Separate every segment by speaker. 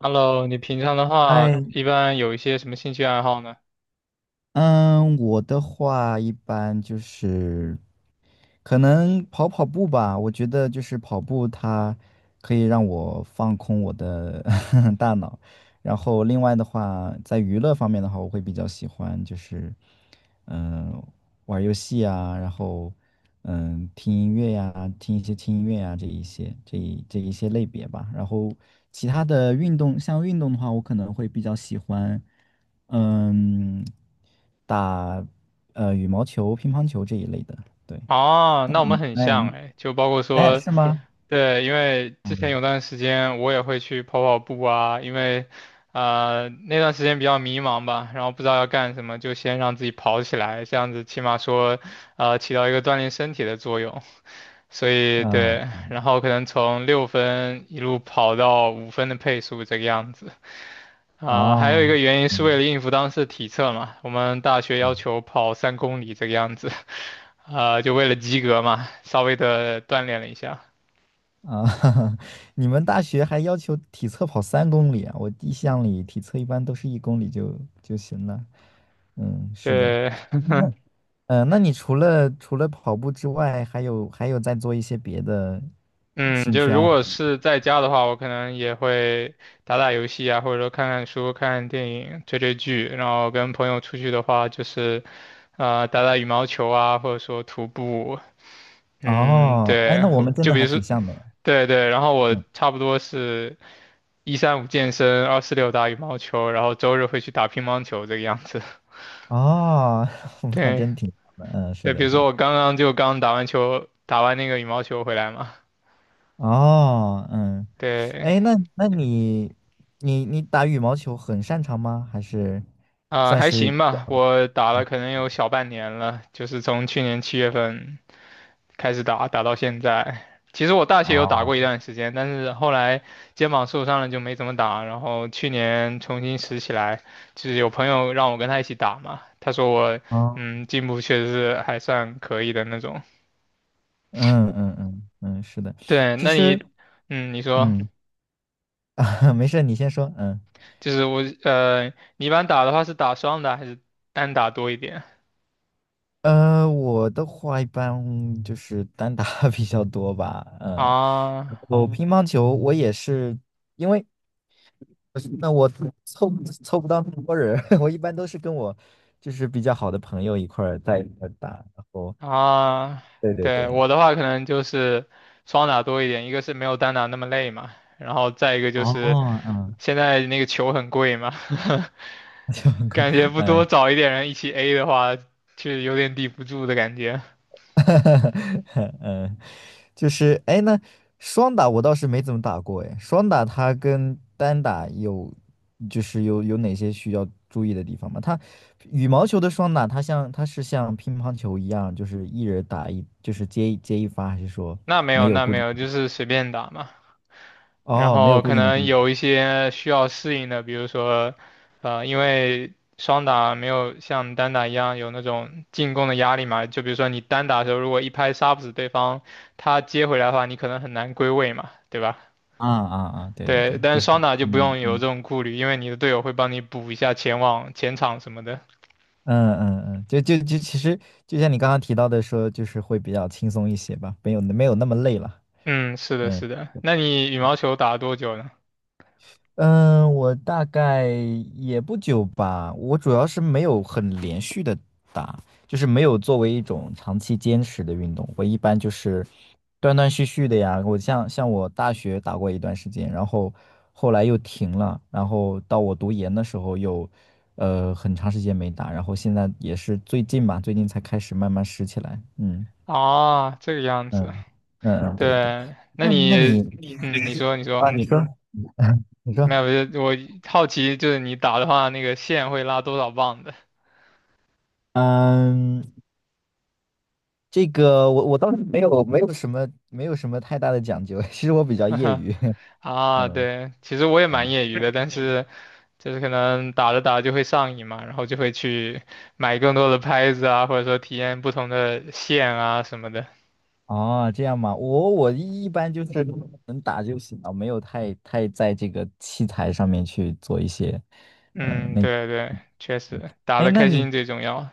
Speaker 1: Hello，你平常的话，
Speaker 2: 哎，
Speaker 1: 一般有一些什么兴趣爱好呢？
Speaker 2: 嗯，我的话一般就是可能跑跑步吧。我觉得就是跑步，它可以让我放空我的 大脑。然后另外的话，在娱乐方面的话，我会比较喜欢就是嗯、玩儿游戏啊，然后听音乐呀、听一些轻音乐呀、这一些类别吧。然后其他的运动，像运动的话，我可能会比较喜欢。嗯，打羽毛球、乒乓球这一类的。对，
Speaker 1: 啊，那我们很
Speaker 2: 哎
Speaker 1: 像哎，就包括
Speaker 2: 哎，
Speaker 1: 说，
Speaker 2: 是吗？
Speaker 1: 对，因为之前
Speaker 2: 嗯
Speaker 1: 有段时间我也会去跑跑步啊，因为，那段时间比较迷茫吧，然后不知道要干什么，就先让自己跑起来，这样子起码说，起到一个锻炼身体的作用。所以对，
Speaker 2: 嗯。
Speaker 1: 然后可能从6分一路跑到5分的配速这个样子。啊，还有一个
Speaker 2: 哦。
Speaker 1: 原因是为
Speaker 2: 嗯
Speaker 1: 了应付当时的体测嘛，我们大学
Speaker 2: 嗯。
Speaker 1: 要求跑3公里这个样子，啊，就为了及格嘛，稍微的锻炼了一下。
Speaker 2: 啊，你们大学还要求体测跑3公里啊？我印象里体测一般都是1公里就行了。嗯，是的。
Speaker 1: 对，
Speaker 2: 那那你除了跑步之外，还有在做一些别的
Speaker 1: 嗯，
Speaker 2: 兴
Speaker 1: 就
Speaker 2: 趣
Speaker 1: 如
Speaker 2: 爱
Speaker 1: 果
Speaker 2: 好吗？
Speaker 1: 是在家的话，我可能也会打打游戏啊，或者说看看书、看看电影、追追剧。然后跟朋友出去的话，就是啊，打打羽毛球啊，或者说徒步。嗯，
Speaker 2: 哦，哎，
Speaker 1: 对，
Speaker 2: 那我们真
Speaker 1: 就
Speaker 2: 的
Speaker 1: 比
Speaker 2: 还
Speaker 1: 如说，
Speaker 2: 挺像的。
Speaker 1: 对对，然后我
Speaker 2: 嗯。
Speaker 1: 差不多是一三五健身，二四六打羽毛球，然后周日会去打乒乓球这个样子。
Speaker 2: 哦，还
Speaker 1: 对
Speaker 2: 真挺好的，嗯，是
Speaker 1: 对，比
Speaker 2: 的，
Speaker 1: 如
Speaker 2: 是
Speaker 1: 说
Speaker 2: 的。
Speaker 1: 我刚刚就刚打完球，打完那个羽毛球回来嘛。
Speaker 2: 哦，嗯，
Speaker 1: 对，
Speaker 2: 哎，那你打羽毛球很擅长吗？还是
Speaker 1: 啊、
Speaker 2: 算
Speaker 1: 还
Speaker 2: 是比
Speaker 1: 行吧，
Speaker 2: 较
Speaker 1: 我打了
Speaker 2: 嗯
Speaker 1: 可能有小半年了，就是从去年7月份开始打，打到现在。其实我大学有打
Speaker 2: 哦，
Speaker 1: 过一段时间，但是后来肩膀受伤了就没怎么打，然后去年重新拾起来，就是有朋友让我跟他一起打嘛，他说我
Speaker 2: 哦，
Speaker 1: 进步确实是还算可以的那种。
Speaker 2: 嗯嗯嗯嗯，是的。
Speaker 1: 对，
Speaker 2: 其
Speaker 1: 那
Speaker 2: 实
Speaker 1: 你，你说，
Speaker 2: 嗯，没事，你先说。
Speaker 1: 就是我，你一般打的话是打双打还是单打多一点？
Speaker 2: 我的话一般就是单打 比较多吧，嗯。
Speaker 1: 啊
Speaker 2: 然后乒乓球我也是，因为那我凑不凑不到那么多人，我一般都是跟我就是比较好的朋友一块儿在一块儿打。然后
Speaker 1: 啊，
Speaker 2: 对对
Speaker 1: 对，
Speaker 2: 对。
Speaker 1: 我的话可能就是双打多一点，一个是没有单打那么累嘛，然后再一个就是
Speaker 2: 哦，嗯，
Speaker 1: 现在那个球很贵嘛，
Speaker 2: 就很 快。
Speaker 1: 感觉不多
Speaker 2: 嗯。
Speaker 1: 找一点人一起 A 的话，确实有点抵不住的感觉。
Speaker 2: 嗯，就是双打我倒是没怎么打过，双打它跟单打就是有哪些需要注意的地方吗？它羽毛球的双打，它像它是像乒乓球一样，就是一人打一，就是接一发，还是说
Speaker 1: 那没有，
Speaker 2: 没有
Speaker 1: 那
Speaker 2: 固
Speaker 1: 没
Speaker 2: 定？
Speaker 1: 有，就是随便打嘛。然
Speaker 2: 哦，没有
Speaker 1: 后
Speaker 2: 固
Speaker 1: 可
Speaker 2: 定的
Speaker 1: 能
Speaker 2: 规则。
Speaker 1: 有一些需要适应的，比如说，因为双打没有像单打一样有那种进攻的压力嘛，就比如说你单打的时候，如果一拍杀不死对方，他接回来的话，你可能很难归位嘛，对吧？
Speaker 2: 啊啊啊！对对
Speaker 1: 对，
Speaker 2: 对，
Speaker 1: 但
Speaker 2: 就
Speaker 1: 是
Speaker 2: 是
Speaker 1: 双打就不
Speaker 2: 嗯
Speaker 1: 用有
Speaker 2: 嗯
Speaker 1: 这种顾虑，因为你的队友会帮你补一下前网、前场什么的。
Speaker 2: 嗯嗯嗯，就就就其实就像你刚刚提到的说，就是会比较轻松一些吧，没有那么累了。
Speaker 1: 嗯，是的，
Speaker 2: 嗯。
Speaker 1: 是的。那你羽毛球打了多久呢？
Speaker 2: 嗯，我大概也不久吧。我主要是没有很连续的打，就是没有作为一种长期坚持的运动。我一般就是断断续续的呀。我像我大学打过一段时间，然后后来又停了，然后到我读研的时候又很长时间没打，然后现在也是最近吧，最近才开始慢慢拾起来。嗯
Speaker 1: 啊，这个样子。
Speaker 2: 嗯嗯嗯，对对对。
Speaker 1: 对，那
Speaker 2: 那那
Speaker 1: 你，
Speaker 2: 你
Speaker 1: 你说，你说。
Speaker 2: 啊，你说你说。
Speaker 1: 没有，我好奇就是你打的话，那个线会拉多少磅的
Speaker 2: 嗯。这个我倒是没有什么太大的讲究。其实我比较业余。
Speaker 1: 啊？
Speaker 2: 嗯
Speaker 1: 对，其实我也蛮
Speaker 2: 嗯，
Speaker 1: 业余的，但是就是可能打着打着就会上瘾嘛，然后就会去买更多的拍子啊，或者说体验不同的线啊什么的。
Speaker 2: 哦，这样吗？我一般就是能打就行了，没有太在这个器材上面去做一些。嗯，
Speaker 1: 嗯，
Speaker 2: 那
Speaker 1: 对对，确实打
Speaker 2: 哎，
Speaker 1: 的
Speaker 2: 那
Speaker 1: 开心
Speaker 2: 你
Speaker 1: 最重要。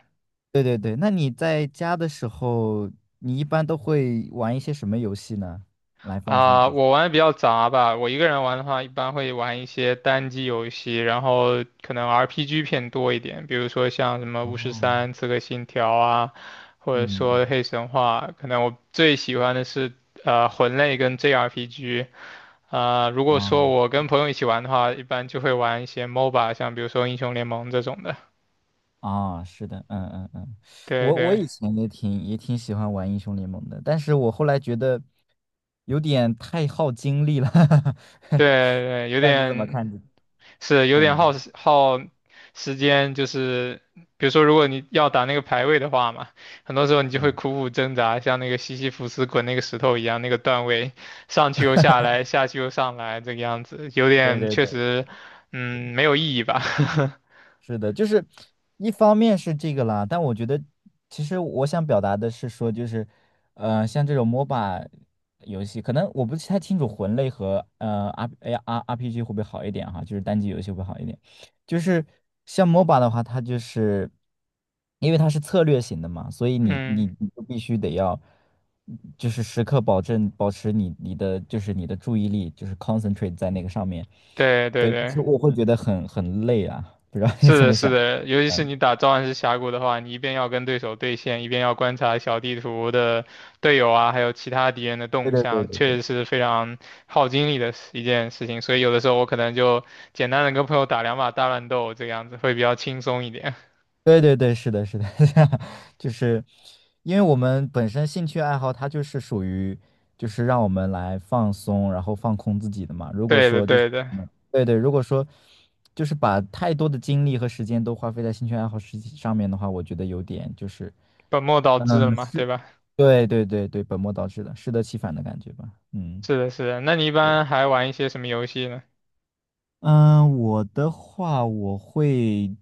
Speaker 2: 对对对，那你在家的时候，你一般都会玩一些什么游戏呢？来放松
Speaker 1: 啊，
Speaker 2: 自己。
Speaker 1: 我玩的比较杂吧。我一个人玩的话，一般会玩一些单机游戏，然后可能 RPG 偏多一点，比如说像什么《巫师
Speaker 2: 哦，
Speaker 1: 三》《刺客信条》啊，或者
Speaker 2: 嗯，
Speaker 1: 说
Speaker 2: 嗯。
Speaker 1: 《黑神话》。可能我最喜欢的是魂类跟 JRPG。啊、如果说
Speaker 2: 哦。
Speaker 1: 我跟朋友一起玩的话，一般就会玩一些 MOBA，像比如说《英雄联盟》这种的。
Speaker 2: 啊、是的。嗯嗯嗯。
Speaker 1: 对
Speaker 2: 我
Speaker 1: 对
Speaker 2: 以前也挺喜欢玩英雄联盟的，但是我后来觉得有点太耗精力了，不
Speaker 1: 对
Speaker 2: 知
Speaker 1: 对，有
Speaker 2: 道你怎么
Speaker 1: 点
Speaker 2: 看这？
Speaker 1: 是有点耗
Speaker 2: 嗯
Speaker 1: 时耗时间，就是比如说，如果你要打那个排位的话嘛，很多时候你就会
Speaker 2: 嗯，
Speaker 1: 苦苦挣扎，像那个西西弗斯滚那个石头一样，那个段位上去又下来，下去又上来，这个样子有
Speaker 2: 对
Speaker 1: 点
Speaker 2: 对
Speaker 1: 确
Speaker 2: 对。
Speaker 1: 实，没有意义吧？
Speaker 2: 是的，就是一方面是这个啦，但我觉得其实我想表达的是说，就是像这种 MOBA 游戏，可能我不太清楚魂类和呃 R A R RPG 会不会好一点哈，就是单机游戏会不会好一点。就是像 MOBA 的话，它就是因为它是策略型的嘛，所以
Speaker 1: 嗯，
Speaker 2: 你就必须得要就是时刻保持你的就是你的注意力，就是 concentrate 在那个上面。
Speaker 1: 对对
Speaker 2: 对，就
Speaker 1: 对，
Speaker 2: 是我会觉得很累啊，不知道你
Speaker 1: 是
Speaker 2: 怎
Speaker 1: 的，
Speaker 2: 么
Speaker 1: 是
Speaker 2: 想。
Speaker 1: 的，尤其是
Speaker 2: 嗯，
Speaker 1: 你打召唤师峡谷的话，你一边要跟对手对线，一边要观察小地图的队友啊，还有其他敌人的
Speaker 2: 对
Speaker 1: 动
Speaker 2: 对
Speaker 1: 向，
Speaker 2: 对
Speaker 1: 确
Speaker 2: 对
Speaker 1: 实是非常耗精力的一件事情。所以有的时候我可能就简单的跟朋友打2把大乱斗，这个样子会比较轻松一点。
Speaker 2: 对对对对，是的，是的。就是因为我们本身兴趣爱好，它就是属于就是让我们来放松，然后放空自己的嘛。如果
Speaker 1: 对的，
Speaker 2: 说就是，
Speaker 1: 对的，
Speaker 2: 嗯对对，如果说就是把太多的精力和时间都花费在兴趣爱好事情上面的话，我觉得有点就是，
Speaker 1: 本末倒
Speaker 2: 嗯，
Speaker 1: 置了嘛，
Speaker 2: 是，
Speaker 1: 对吧？
Speaker 2: 对对对对，本末倒置了，适得其反的感觉吧。嗯。
Speaker 1: 是的，是的。那你一
Speaker 2: 对。
Speaker 1: 般还玩一些什么游戏呢？
Speaker 2: 嗯，我的话，我会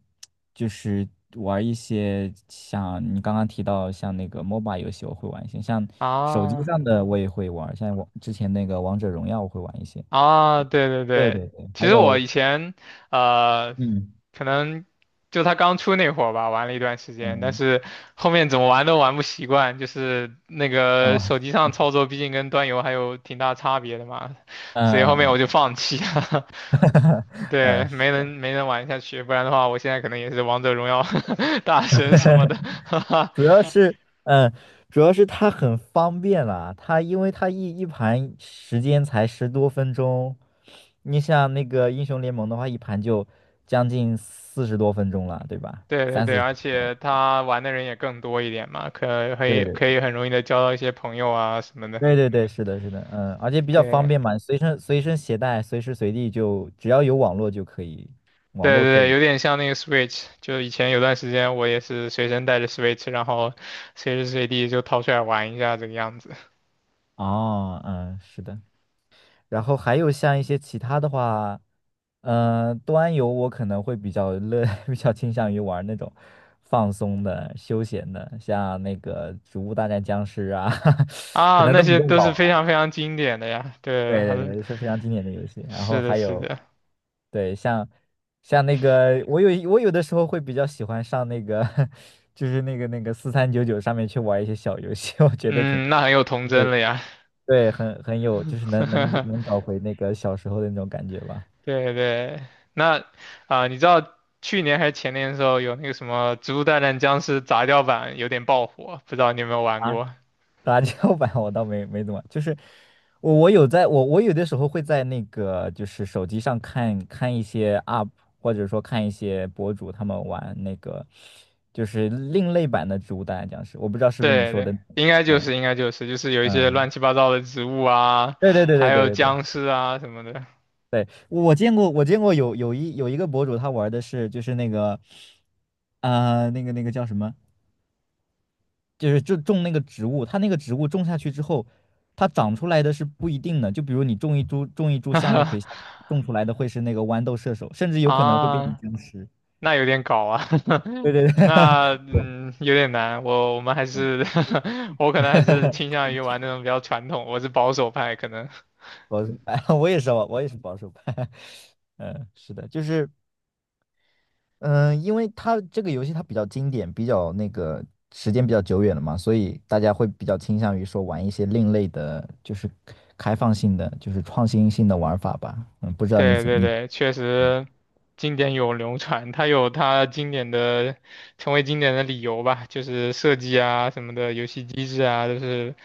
Speaker 2: 就是玩一些像你刚刚提到像那个 MOBA 游戏，我会玩一些，像手机
Speaker 1: 啊，
Speaker 2: 上的我也会玩，像我之前那个王者荣耀我会玩一些。
Speaker 1: 啊，对对
Speaker 2: 对
Speaker 1: 对，
Speaker 2: 对对，
Speaker 1: 其
Speaker 2: 还
Speaker 1: 实我
Speaker 2: 有
Speaker 1: 以前呃，
Speaker 2: 嗯
Speaker 1: 可能就他刚出那会儿吧，玩了一段时间，但
Speaker 2: 嗯
Speaker 1: 是后面怎么玩都玩不习惯，就是那个
Speaker 2: 嗯
Speaker 1: 手机上操作毕竟跟端游还有挺大差别的嘛，所以后面我
Speaker 2: 嗯。
Speaker 1: 就放弃了，对，
Speaker 2: 呃，
Speaker 1: 没能玩下去，不然的话我现在可能也是王者荣耀 大神什么的，
Speaker 2: 主要是，嗯，主要是它很方便啦。它因为它一盘时间才十多分钟，你像那个英雄联盟的话，一盘就将近40多分钟了，对吧？
Speaker 1: 对对
Speaker 2: 三
Speaker 1: 对，
Speaker 2: 四十
Speaker 1: 而
Speaker 2: 分钟。
Speaker 1: 且他玩的人也更多一点嘛，可可
Speaker 2: 对
Speaker 1: 以
Speaker 2: 对对
Speaker 1: 可以很容易的交到一些朋友啊什么的，
Speaker 2: 对对对，是的，是的，嗯，而且比较方
Speaker 1: 对。
Speaker 2: 便嘛，随身携带，随时随地就只要有网络就可以，网
Speaker 1: 对
Speaker 2: 络
Speaker 1: 对
Speaker 2: 可
Speaker 1: 对，
Speaker 2: 以。
Speaker 1: 有点像那个 Switch，就以前有段时间我也是随身带着 Switch，然后随时随地就掏出来玩一下这个样子。
Speaker 2: 哦，嗯，是的。然后还有像一些其他的话，端游我可能会比较乐，比较倾向于玩那种放松的、休闲的，像那个《植物大战僵尸》啊，可
Speaker 1: 啊，
Speaker 2: 能
Speaker 1: 那
Speaker 2: 都比
Speaker 1: 些
Speaker 2: 较
Speaker 1: 都是
Speaker 2: 老
Speaker 1: 非
Speaker 2: 了。
Speaker 1: 常非常经典的呀，对，
Speaker 2: 对对
Speaker 1: 很，
Speaker 2: 对，是非常经典的游戏。然后
Speaker 1: 是的，
Speaker 2: 还
Speaker 1: 是
Speaker 2: 有，
Speaker 1: 的，
Speaker 2: 对，像那个，我有的时候会比较喜欢上那个，就是那个4399上面去玩一些小游戏。我觉得挺
Speaker 1: 嗯，那很有童
Speaker 2: 就
Speaker 1: 真
Speaker 2: 是
Speaker 1: 了呀，
Speaker 2: 对，很有，就是能找回那个小时候的那种感觉吧。
Speaker 1: 对对，那啊、你知道去年还是前年的时候有那个什么《植物大战僵尸》杂交版有点爆火，不知道你有没有玩
Speaker 2: 啊，
Speaker 1: 过？
Speaker 2: 杂交 版我倒没怎么，就是我有的时候会在那个就是手机上看看一些 UP，或者说看一些博主他们玩那个就是另类版的植物大战僵尸，我不知道是不是你
Speaker 1: 对
Speaker 2: 说
Speaker 1: 对，
Speaker 2: 的。
Speaker 1: 应该就
Speaker 2: 嗯
Speaker 1: 是应该就是就是有一些
Speaker 2: 嗯，
Speaker 1: 乱七八糟的植物啊，
Speaker 2: 对对对
Speaker 1: 还
Speaker 2: 对对
Speaker 1: 有
Speaker 2: 对对
Speaker 1: 僵尸啊什么的，
Speaker 2: 对，我见过有一个博主他玩的是就是那个那个叫什么？就是种那个植物，它那个植物种下去之后，它长出来的是不一定的。就比如你种一株向日葵，种出来的会是那个豌豆射手，甚至有可能会变成
Speaker 1: 啊，
Speaker 2: 僵尸。
Speaker 1: 那有点搞啊，
Speaker 2: 对 对对。
Speaker 1: 那
Speaker 2: 对。
Speaker 1: 有点难，我们还
Speaker 2: 嗯。
Speaker 1: 是 我可能还是倾 向于玩那种比较传统，我是保守派可能，
Speaker 2: 保守派，我也是，我也是保守派。嗯，是的，就是嗯，因为它这个游戏它比较经典，比较那个时间比较久远了嘛，所以大家会比较倾向于说玩一些另类的，就是开放性的，就是创新性的玩法吧。嗯，不知道
Speaker 1: 对对
Speaker 2: 你，
Speaker 1: 对，确实经典永流传，它有它经典的成为经典的理由吧，就是设计啊什么的，游戏机制啊，都是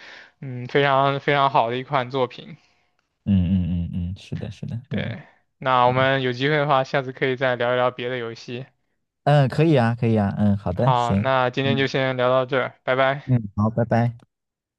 Speaker 1: 非常非常好的一款作品。
Speaker 2: 嗯嗯嗯嗯，是的，是的，嗯
Speaker 1: 对，那我们有机会的话，下次可以再聊一聊别的游戏。
Speaker 2: 嗯，可以啊，可以啊，嗯，好的，
Speaker 1: 好，
Speaker 2: 行，
Speaker 1: 那今天就
Speaker 2: 嗯
Speaker 1: 先聊到这儿，拜拜。
Speaker 2: 嗯，好，拜拜。